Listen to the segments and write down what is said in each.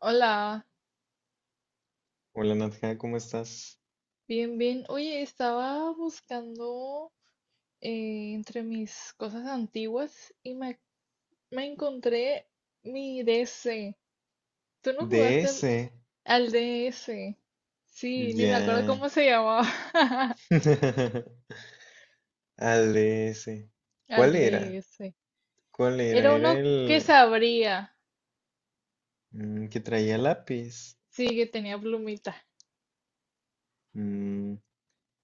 Hola, Hola Nadja, ¿cómo estás? bien, bien. Oye, estaba buscando entre mis cosas antiguas y me encontré mi DS. ¿Tú no jugaste al, DS. al DS? Sí, ni me acuerdo cómo Ya. se llamaba. Al DS. Al ¿Cuál era? DS. ¿Cuál era? Era Era uno que el se abría. Que traía lápiz. Sí, que tenía plumita. Mm,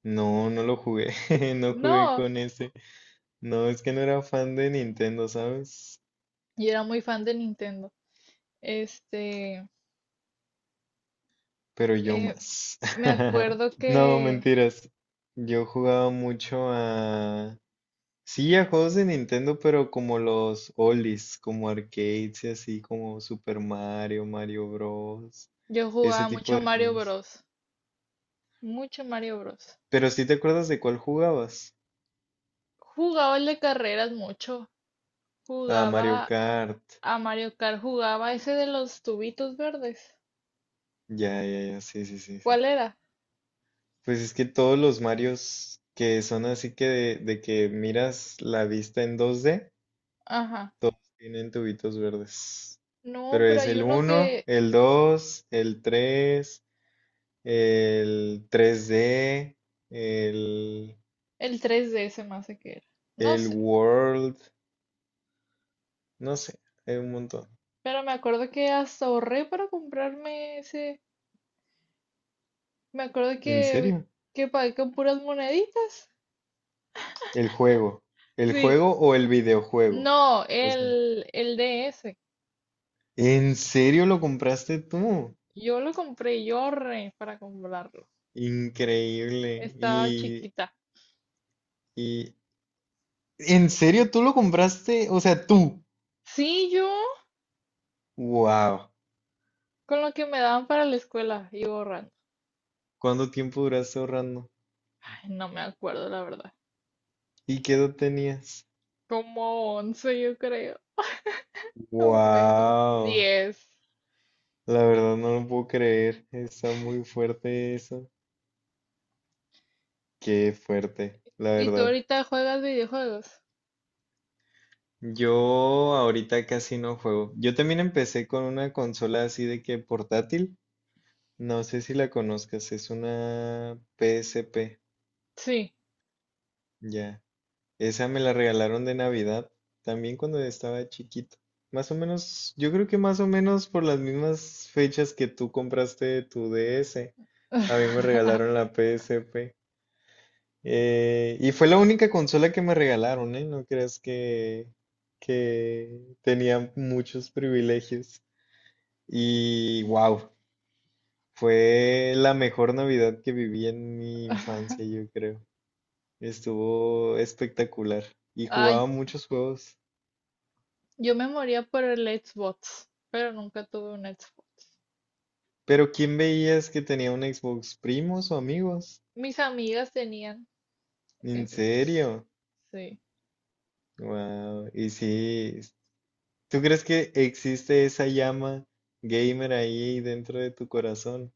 no, no lo jugué. No jugué No, con ese. No, es que no era fan de Nintendo, ¿sabes? yo era muy fan de Nintendo. Este, Pero yo eh, más. me acuerdo No, que mentiras. Yo jugaba mucho a, sí, a juegos de Nintendo, pero como los oldies, como arcades y así, como Super Mario, Mario Bros. yo Ese jugaba tipo mucho de Mario juegos. Bros. Mucho Mario Bros. Pero sí te acuerdas de cuál jugabas. Jugaba el de carreras mucho. Ah, Mario Jugaba Kart. a Mario Kart, jugaba ese de los tubitos verdes. Ya, ya, ya, sí, sí, sí, sí. ¿Cuál era? Pues es que todos los Marios que son así que de que miras la vista en 2D, Ajá. todos tienen tubitos verdes. No, Pero pero es hay el uno uno, que el 2, el 3. El 3D, el, el 3D se me hace que era. No el sé, World, no sé, hay un montón. pero me acuerdo que hasta ahorré para comprarme ese. Me acuerdo ¿En que, serio? que pagué con puras moneditas. El juego. ¿El Sí. juego o el videojuego? No, O sea, el DS. ¿en serio lo compraste tú? Yo lo compré, yo ahorré para comprarlo. Increíble. Estaba Y, chiquita. y, ¿en serio tú lo compraste? O sea, tú. Sí, yo. Wow. Con lo que me daban para la escuela y borran. ¿Cuánto tiempo duraste ahorrando? Ay, no me acuerdo, la verdad. ¿Y qué edad tenías? Como 11 yo creo. O menos. Wow. Diez. La verdad no lo puedo creer. Está muy fuerte eso. Qué fuerte, la ¿Y tú verdad. ahorita juegas videojuegos? Yo ahorita casi no juego. Yo también empecé con una consola así de que portátil. No sé si la conozcas, es una PSP, Sí. ya. Esa me la regalaron de Navidad, también cuando estaba chiquito. Más o menos, yo creo que más o menos por las mismas fechas que tú compraste tu DS, a mí me regalaron la PSP. Y fue la única consola que me regalaron, ¿eh? No creas que tenía muchos privilegios. Y wow, fue la mejor Navidad que viví en mi infancia, yo creo. Estuvo espectacular. Y Ay, jugaba muchos juegos. yo me moría por el Xbox, pero nunca tuve un Xbox. Pero ¿quién veías que tenía un Xbox? ¿Primos o amigos? Mis amigas tenían ¿En Xbox. serio? Sí. Wow. Y sí, ¿tú crees que existe esa llama gamer ahí dentro de tu corazón?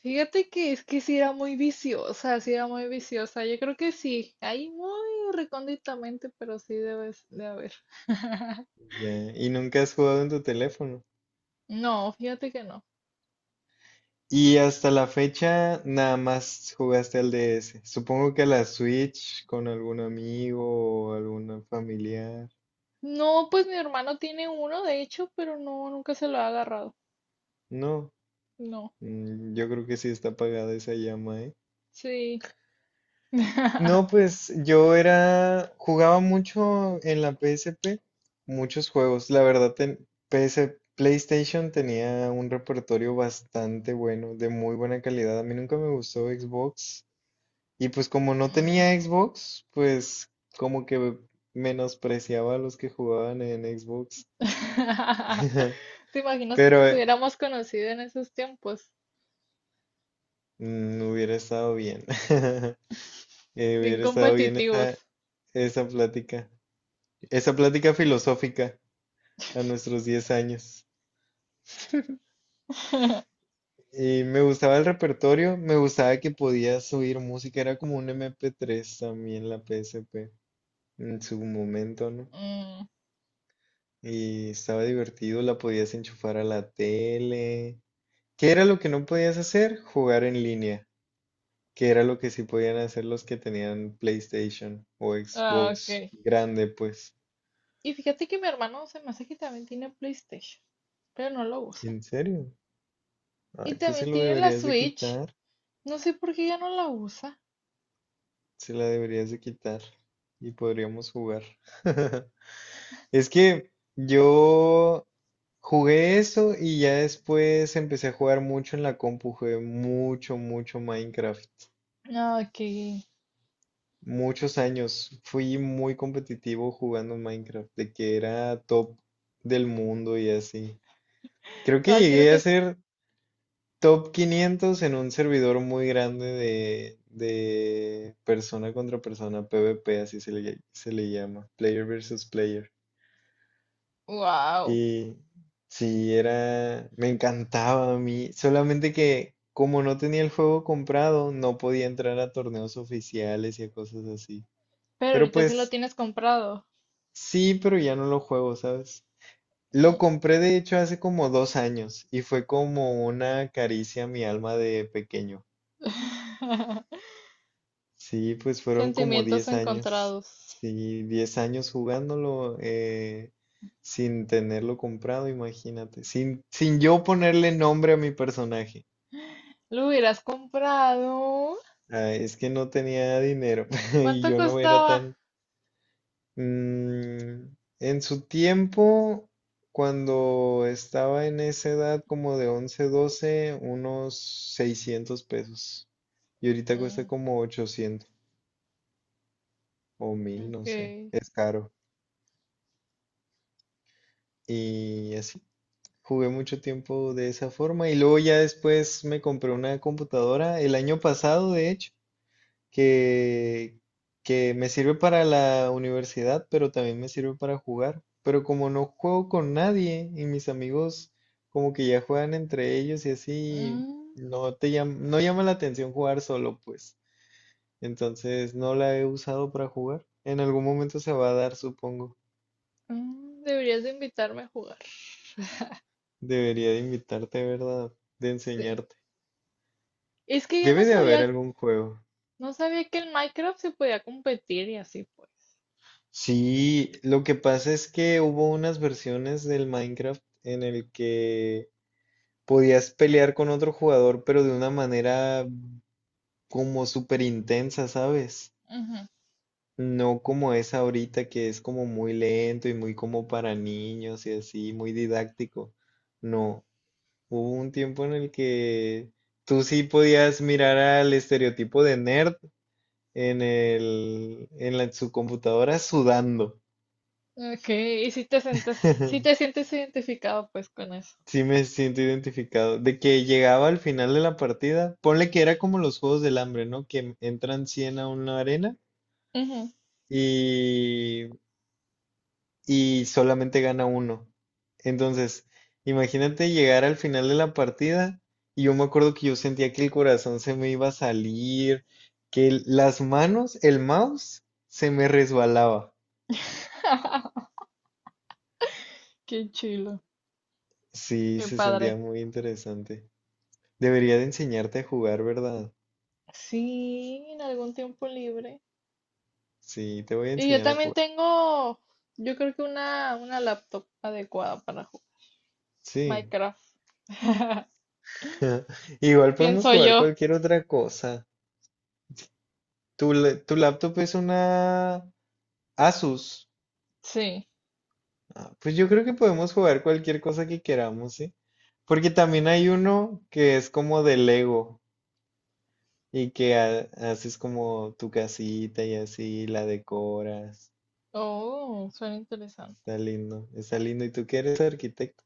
Fíjate que es que sí era muy viciosa, sí era muy viciosa. Yo creo que sí. Ahí muy recónditamente, pero sí debes de haber. Ya, y nunca has jugado en tu teléfono. No, fíjate que no. Y hasta la fecha nada más jugaste al DS. Supongo que a la Switch con algún amigo o algún familiar. No, pues mi hermano tiene uno, de hecho, pero no, nunca se lo ha agarrado. No, No, yo creo que sí está apagada esa llama, ¿eh? sí. No, pues yo era, jugaba mucho en la PSP, muchos juegos. La verdad, PS PlayStation tenía un repertorio bastante bueno, de muy buena calidad. A mí nunca me gustó Xbox. Y pues como no Mm. tenía Xbox, pues como que menospreciaba a los que jugaban en Xbox. ¿Te imaginas que Pero nos hubiéramos conocido en esos tiempos? Hubiera estado bien. Bien Hubiera estado bien esa, competitivos. esa plática. Esa plática filosófica a nuestros 10 años. Y me gustaba el repertorio, me gustaba que podías subir música, era como un MP3 también la PSP en su momento, ¿no? Mm, Y estaba divertido, la podías enchufar a la tele. ¿Qué era lo que no podías hacer? Jugar en línea. ¿Qué era lo que sí podían hacer los que tenían PlayStation o ah, Xbox ok. grande, pues? Y fíjate que mi hermano se me hace que también tiene PlayStation, pero no lo usa. ¿En serio? Y Ay, pues se también lo tiene la deberías de Switch. quitar. No sé por qué ya no la usa. Se la deberías de quitar. Y podríamos jugar. Es que yo jugué eso y ya después empecé a jugar mucho en la compu. Jugué mucho, mucho Minecraft. Ah, ok. Muchos años fui muy competitivo jugando Minecraft, de que era top del mundo y así. Creo que Ay, creo llegué que a es. ser top 500 en un servidor muy grande de persona contra persona, PvP, así se le llama, player versus player. Wow. Y sí, era, me encantaba a mí, solamente que como no tenía el juego comprado, no podía entrar a torneos oficiales y a cosas así. Pero Pero ahorita sí lo pues tienes comprado. sí, pero ya no lo juego, ¿sabes? Lo compré de hecho hace como 2 años y fue como una caricia a mi alma de pequeño. Sí, pues fueron como Sentimientos 10 años. encontrados. Sí, 10 años jugándolo, sin tenerlo comprado, imagínate. Sin yo ponerle nombre a mi personaje. ¿Lo hubieras comprado? Ah, es que no tenía dinero y ¿Cuánto yo no era costaba? tan. Mm, en su tiempo, cuando estaba en esa edad como de 11, 12, unos 600 pesos. Y ahorita cuesta Mm, como 800 o mil, no sé. ok. Es caro. Y así. Jugué mucho tiempo de esa forma. Y luego ya después me compré una computadora el año pasado, de hecho. que, que me sirve para la universidad, pero también me sirve para jugar. Pero como no juego con nadie y mis amigos como que ya juegan entre ellos y así, Mm, no llama la atención jugar solo, pues. Entonces no la he usado para jugar. En algún momento se va a dar, supongo. Deberías de invitarme a jugar. Debería de invitarte, ¿verdad? De Sí. enseñarte. Es que yo no Debe de haber sabía, algún juego. no sabía que el Minecraft se podía competir y así pues. Sí, lo que pasa es que hubo unas versiones del Minecraft en el que podías pelear con otro jugador, pero de una manera como súper intensa, ¿sabes? Ujú. No como es ahorita, que es como muy lento y muy como para niños y así, muy didáctico. No, hubo un tiempo en el que tú sí podías mirar al estereotipo de nerd en su computadora sudando. Ok, y si te sientes identificado pues con eso. Sí me siento identificado. De que llegaba al final de la partida, ponle que era como los Juegos del Hambre, ¿no? Que entran 100 a una arena Ujú. y, y solamente gana uno. Entonces, imagínate llegar al final de la partida y yo me acuerdo que yo sentía que el corazón se me iba a salir, las manos, el mouse, se me resbalaba. Qué chilo, Sí, qué se sentía padre. muy interesante. Debería de enseñarte a jugar, ¿verdad? Sí, en algún tiempo libre. Sí, te voy a Y yo enseñar a también jugar. tengo, yo creo que una laptop adecuada para Sí. Minecraft. Igual podemos Pienso jugar yo. cualquier otra cosa. Tu laptop es una Asus. Sí. Ah, pues yo creo que podemos jugar cualquier cosa que queramos, ¿sí? Porque también hay uno que es como de Lego y que haces como tu casita y así la decoras. Oh, suena interesante. Está lindo, está lindo. ¿Y tú que eres arquitecto?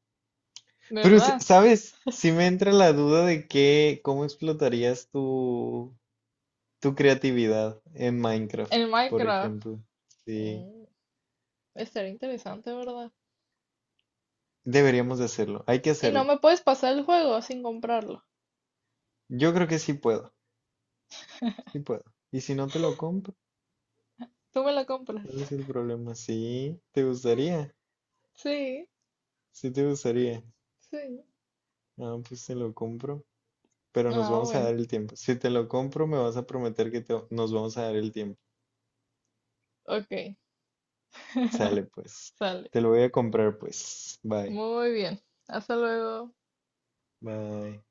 Pero, ¿Verdad? ¿sabes? Si me entra la duda de qué, cómo explotarías tu, creatividad en Minecraft, El por Minecraft. ejemplo. Sí, Mm, estaría interesante, ¿verdad? deberíamos de hacerlo. Hay que Y no hacerlo. me puedes pasar el juego sin comprarlo. Yo creo que sí puedo. Sí puedo. Y si no te lo compro, Tú me lo compras. ¿cuál es el problema? Sí, te gustaría. Sí, Sí te gustaría. sí. Ah, pues te lo compro. Pero nos Ah, vamos a bueno. dar el tiempo. Si te lo compro, me vas a prometer que nos vamos a dar el tiempo. Ok. Sale, pues. Sale. Te lo voy a comprar, pues. Bye. Muy bien. Hasta luego. Bye.